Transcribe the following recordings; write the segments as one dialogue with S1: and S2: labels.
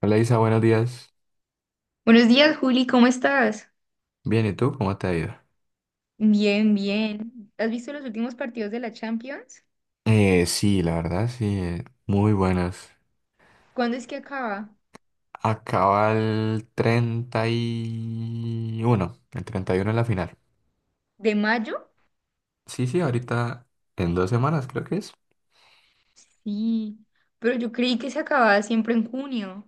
S1: Hola Isa, buenos días.
S2: Buenos días, Juli, ¿cómo estás?
S1: Bien, ¿y tú? ¿Cómo te ha ido?
S2: Bien, bien. ¿Has visto los últimos partidos de la Champions?
S1: Sí, la verdad, sí, muy buenas.
S2: ¿Cuándo es que acaba?
S1: Acaba el 31, el 31 es la final.
S2: ¿De mayo?
S1: Sí, sí, ahorita en 2 semanas creo que es.
S2: Sí, pero yo creí que se acababa siempre en junio.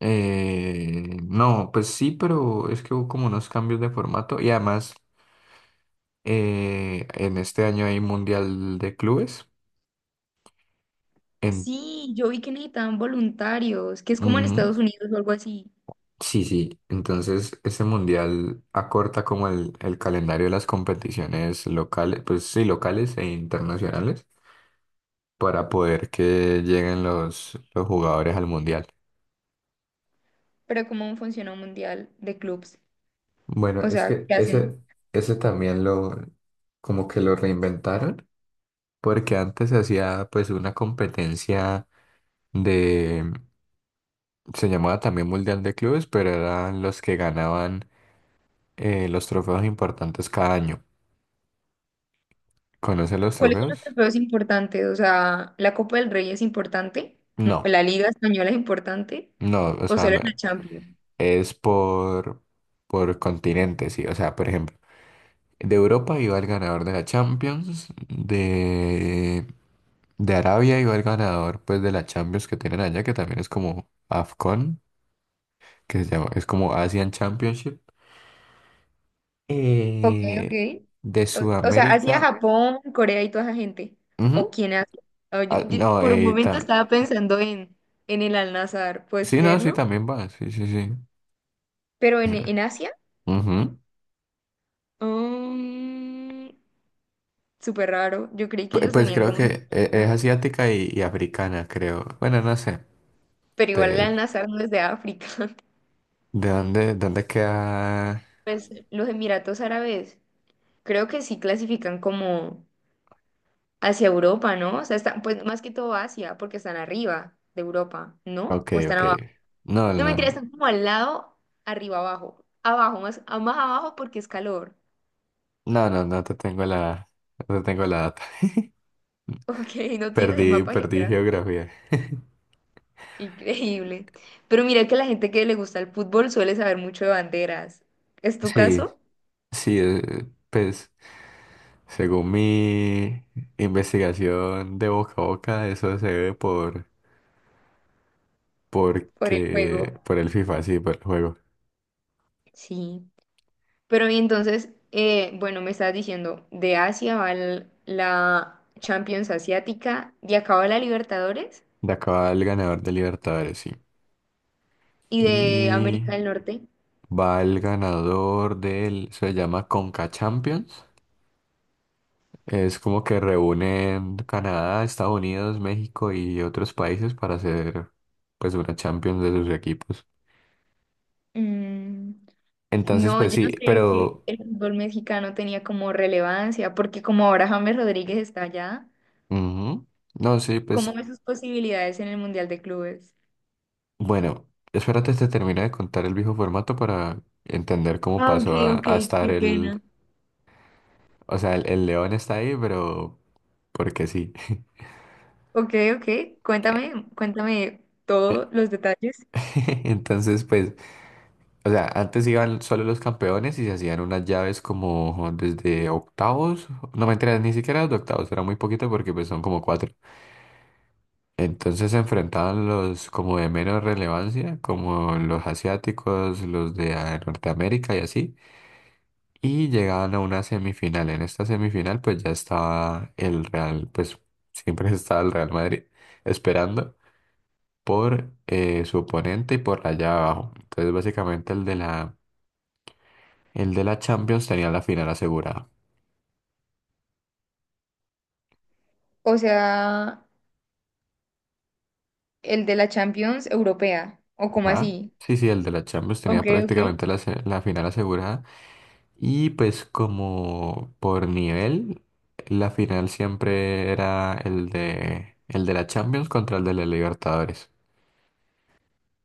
S1: No, pues sí, pero es que hubo como unos cambios de formato y además en este año hay Mundial de Clubes. En,
S2: Sí, yo vi que necesitaban voluntarios, que es como en
S1: Ujú.
S2: Estados Unidos o algo así.
S1: Sí, sí, entonces ese mundial acorta como el calendario de las competiciones locales, pues sí, locales e internacionales, para poder que lleguen los jugadores al mundial.
S2: Pero ¿cómo funciona un mundial de clubes?
S1: Bueno,
S2: O
S1: es
S2: sea,
S1: que
S2: ¿qué
S1: ese,
S2: hacen?
S1: ese también como que lo reinventaron, porque antes se hacía pues una competencia de, se llamaba también Mundial de Clubes, pero eran los que ganaban los trofeos importantes cada año. ¿Conocen los
S2: ¿Cuáles son los
S1: trofeos?
S2: trofeos importantes? O sea, ¿la Copa del Rey es importante?
S1: No.
S2: ¿La Liga Española es importante?
S1: No, o
S2: ¿O
S1: sea,
S2: solo la Champions?
S1: es por continentes, sí. O sea, por ejemplo, de Europa iba el ganador de la Champions, de Arabia iba el ganador pues de la Champions que tienen allá, que también es como AFCON, que se llama, es como Asian Championship.
S2: Ok,
S1: Eh,
S2: ok.
S1: de
S2: O sea, Asia,
S1: Sudamérica.
S2: Japón, Corea y toda esa gente. ¿O
S1: Ujú.
S2: quién hace? Ah, yo-
S1: Ah,
S2: yo
S1: no.
S2: por un momento estaba pensando en el Al-Nazar, ¿puedes
S1: Sí, no, sí,
S2: creerlo?
S1: también va, sí, sí, sí.
S2: Pero en Asia,
S1: Ujú.
S2: mm, súper raro. Yo creí que ellos
S1: Pues
S2: tenían
S1: creo
S2: como...
S1: que es
S2: una-
S1: asiática y africana, creo. Bueno, no sé.
S2: Pero igual el
S1: ¿De,
S2: Al-Nazar no es de África.
S1: de dónde queda?
S2: Pues los Emiratos Árabes creo que sí clasifican como hacia Europa, ¿no? O sea, están, pues más que todo Asia, porque están arriba de Europa, ¿no?
S1: Ok,
S2: ¿O están
S1: ok.
S2: abajo?
S1: No,
S2: No mentira,
S1: no,
S2: están como al lado, arriba, abajo. Abajo, más, más abajo porque es calor.
S1: no, no, no te tengo la data.
S2: Ok, no tiene
S1: Perdí,
S2: mapa
S1: perdí
S2: geográfico.
S1: geografía.
S2: Increíble. Pero mira que la gente que le gusta el fútbol suele saber mucho de banderas. ¿Es tu
S1: Sí,
S2: caso?
S1: sí, pues según mi investigación de boca a boca, eso se ve por,
S2: Por el juego.
S1: porque, por el FIFA, sí, por el juego.
S2: Sí. Pero y entonces, bueno, me estabas diciendo, de Asia va la Champions Asiática, de acá va la Libertadores
S1: De acá va el ganador de Libertadores, sí.
S2: y de
S1: Y
S2: América del Norte.
S1: va el ganador se llama Conca Champions. Es como que reúnen Canadá, Estados Unidos, México y otros países para hacer pues una Champions de sus equipos.
S2: Mm,
S1: Entonces,
S2: No,
S1: pues
S2: yo no
S1: sí,
S2: sabía que
S1: pero
S2: el fútbol mexicano tenía como relevancia, porque como ahora James Rodríguez está allá,
S1: ujú. No, sí,
S2: ¿cómo
S1: pues
S2: ve sus posibilidades en el Mundial de Clubes?
S1: bueno, espérate, te termina de contar el viejo formato para entender cómo
S2: Ah, ok,
S1: pasó a,
S2: ok,
S1: a estar
S2: qué pena.
S1: o sea, el León está ahí, pero porque sí.
S2: Ok, ok, cuéntame, cuéntame
S1: Eh,
S2: todos los detalles.
S1: Entonces, pues, o sea, antes iban solo los campeones y se hacían unas llaves como desde octavos. No me enteré, ni siquiera los de octavos, era muy poquito porque pues son como cuatro. Entonces se enfrentaban los como de menos relevancia, como los asiáticos, los de Norteamérica y así. Y llegaban a una semifinal. En esta semifinal pues ya estaba pues siempre estaba el Real Madrid esperando por su oponente y por allá abajo. Entonces básicamente el de la Champions tenía la final asegurada.
S2: O sea, el de la Champions Europea, o como
S1: ¿Ah?
S2: así.
S1: Sí, sí, el de la Champions tenía
S2: Ok, ok.
S1: prácticamente la final asegurada. Y pues como por nivel, la final siempre era el de la Champions contra el de la Libertadores.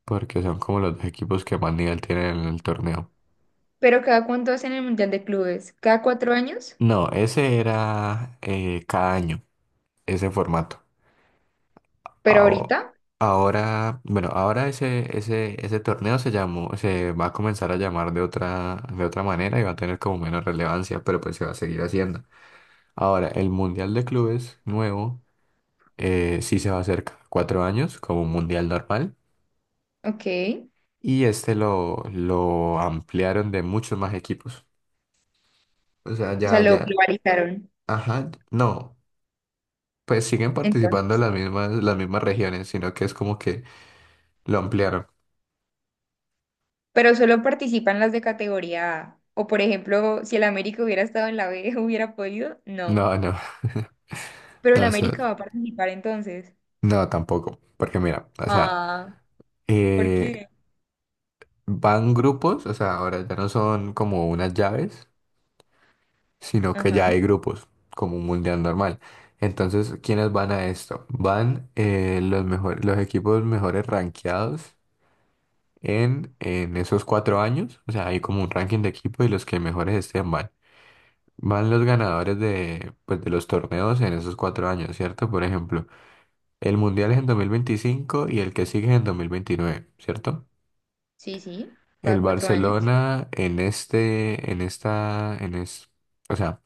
S1: Porque son como los dos equipos que más nivel tienen en el torneo.
S2: Pero cada cuánto hacen el Mundial de Clubes, cada 4 años,
S1: No, ese era cada año, ese formato.
S2: pero
S1: Aho-
S2: ahorita,
S1: Ahora, bueno, ahora ese torneo se va a comenzar a llamar de otra manera y va a tener como menos relevancia, pero pues se va a seguir haciendo. Ahora, el Mundial de Clubes nuevo, sí se va a hacer cada 4 años como un Mundial normal
S2: ok.
S1: y este lo ampliaron de muchos más equipos. O sea,
S2: O sea,
S1: ya,
S2: lo
S1: ya,
S2: globalizaron.
S1: ajá, no, pues siguen participando
S2: Entonces,
S1: las mismas regiones, sino que es como que lo ampliaron.
S2: pero solo participan las de categoría A. O por ejemplo, si el América hubiera estado en la B, ¿hubiera podido? No.
S1: No, no.
S2: Pero el
S1: No, eso,
S2: América va a participar entonces.
S1: no, tampoco, porque mira, o sea,
S2: Ah, ¿por
S1: eh,
S2: qué?
S1: van grupos, o sea, ahora ya no son como unas llaves, sino que ya
S2: Ajá.
S1: hay grupos, como un mundial normal. Entonces, ¿quiénes van a esto? Van los equipos mejores rankeados en esos 4 años, o sea, hay como un ranking de equipo y los que mejores estén van. Van los ganadores de, pues, de los torneos en esos 4 años, ¿cierto? Por ejemplo, el mundial es en 2025 y el que sigue es en 2029, ¿cierto?
S2: Sí, sí,
S1: El
S2: cada 4 años.
S1: Barcelona en este, en esta, en es, o sea,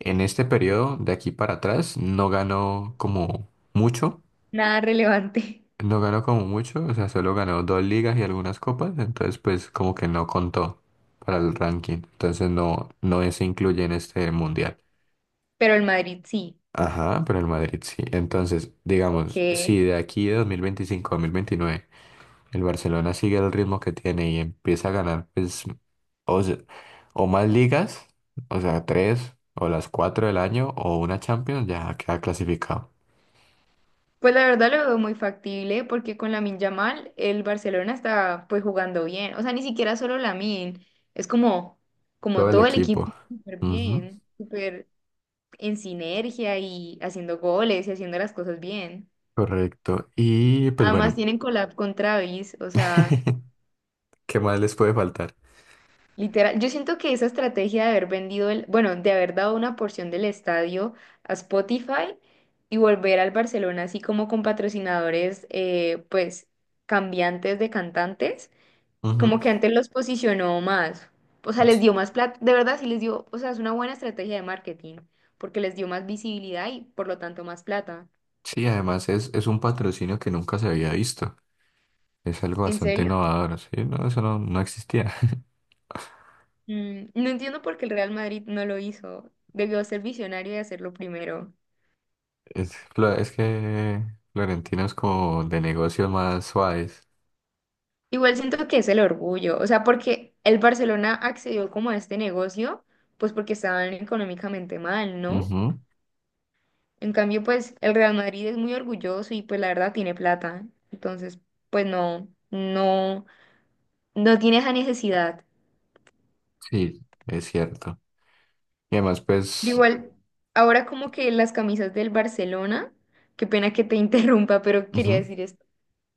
S1: en este periodo de aquí para atrás no ganó como mucho,
S2: Nada relevante,
S1: o sea, solo ganó dos ligas y algunas copas, entonces pues como que no contó para el ranking, entonces no se incluye en este mundial.
S2: pero el Madrid sí.
S1: Ajá, pero el Madrid sí. Entonces,
S2: Ok.
S1: digamos, si de aquí de 2025 a 2029 el Barcelona sigue el ritmo que tiene y empieza a ganar pues O, se- o más ligas, o sea, tres o las cuatro del año o una Champions, ya queda clasificado.
S2: Pues la verdad lo veo muy factible porque con Lamine Yamal el Barcelona está pues jugando bien. O sea, ni siquiera solo Lamine, es como
S1: Todo el
S2: todo el equipo
S1: equipo.
S2: está súper
S1: Ujú,
S2: bien, súper en sinergia y haciendo goles y haciendo las cosas bien.
S1: correcto. Y pues
S2: Además
S1: bueno,
S2: tienen collab con Travis, o sea,
S1: ¿qué más les puede faltar?
S2: literal, yo siento que esa estrategia de haber vendido el, bueno, de haber dado una porción del estadio a Spotify y volver al Barcelona así como con patrocinadores, pues, cambiantes de cantantes, como
S1: Ujú.
S2: que antes los posicionó más, o sea, les dio más plata, de verdad sí les dio, o sea, es una buena estrategia de marketing, porque les dio más visibilidad y por lo tanto más plata.
S1: Sí, además es un patrocinio que nunca se había visto. Es algo
S2: ¿En
S1: bastante
S2: serio?
S1: innovador, ¿sí? No, eso no existía.
S2: No entiendo por qué el Real Madrid no lo hizo. Debió ser visionario y hacerlo primero.
S1: Es que Florentino es como de negocios más suaves.
S2: Igual siento que es el orgullo, o sea, porque el Barcelona accedió como a este negocio, pues porque estaban económicamente mal, ¿no?
S1: Ujú.
S2: En cambio, pues el Real Madrid es muy orgulloso y pues la verdad tiene plata. Entonces, pues no, no, no tiene esa necesidad.
S1: Sí, es cierto. Y además, pues...
S2: Igual, ahora como que las camisas del Barcelona, qué pena que te interrumpa, pero quería
S1: ujú.
S2: decir esto.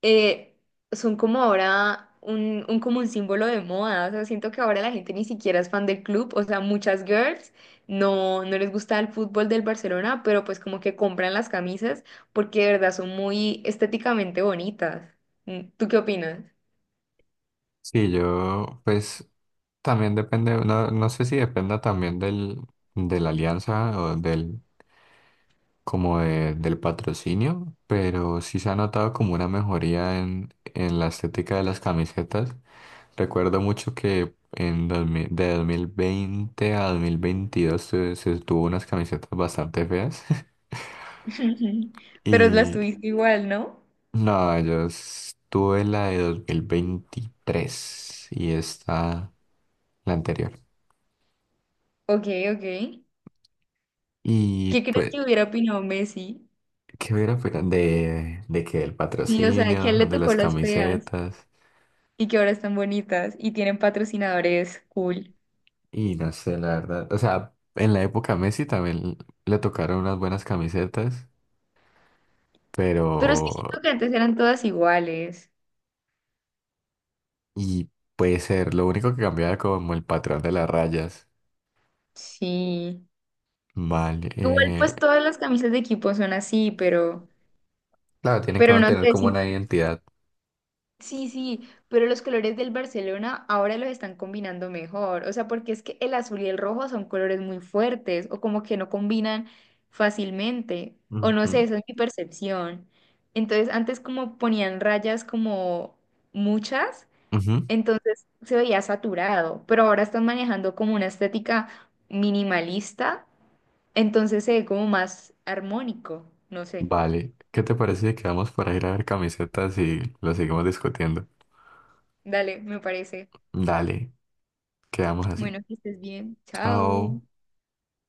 S2: eh, son como ahora como un símbolo de moda. O sea, siento que ahora la gente ni siquiera es fan del club. O sea, muchas girls no, no les gusta el fútbol del Barcelona, pero pues como que compran las camisas porque de verdad son muy estéticamente bonitas. ¿Tú qué opinas?
S1: Sí, yo, pues también depende, no, no sé si dependa también de la alianza o del patrocinio, pero sí se ha notado como una mejoría en la estética de las camisetas. Recuerdo mucho que en 2000 de 2020 a 2022 se tuvo unas camisetas bastante feas
S2: Pero las
S1: y
S2: tuviste igual, ¿no?
S1: no, yo tuve la de 2023 y esta la anterior.
S2: Ok, ok.
S1: Y
S2: ¿Qué crees
S1: pues
S2: que hubiera opinado Messi?
S1: ¿qué hubiera opinan de que el
S2: Sí, o sea, que a
S1: patrocinio,
S2: él le
S1: de
S2: tocó
S1: las
S2: las feas
S1: camisetas?
S2: y que ahora están bonitas y tienen patrocinadores cool.
S1: Y no sé, la verdad. O sea, en la época Messi también le tocaron unas buenas camisetas,
S2: Pero es
S1: pero.
S2: que siento que antes eran todas iguales.
S1: Y puede ser, lo único que cambiaba como el patrón de las rayas.
S2: Sí.
S1: Vale.
S2: Igual pues todas las camisas de equipo son así,
S1: Claro, tienen que
S2: pero no
S1: mantener
S2: sé.
S1: como una identidad.
S2: Sí, sí, pero los colores del Barcelona ahora los están combinando mejor. O sea, porque es que el azul y el rojo son colores muy fuertes o como que no combinan fácilmente. O no sé,
S1: Ujú,
S2: esa es mi percepción. Entonces antes como ponían rayas como muchas.
S1: ujú.
S2: Entonces se veía saturado, pero ahora están manejando como una estética minimalista, entonces se ve como más armónico, no sé.
S1: Vale. ¿Qué te parece si quedamos para ir a ver camisetas y lo seguimos discutiendo?
S2: Dale, me parece.
S1: Dale, quedamos así.
S2: Bueno, que estés bien. Chao.
S1: Chao.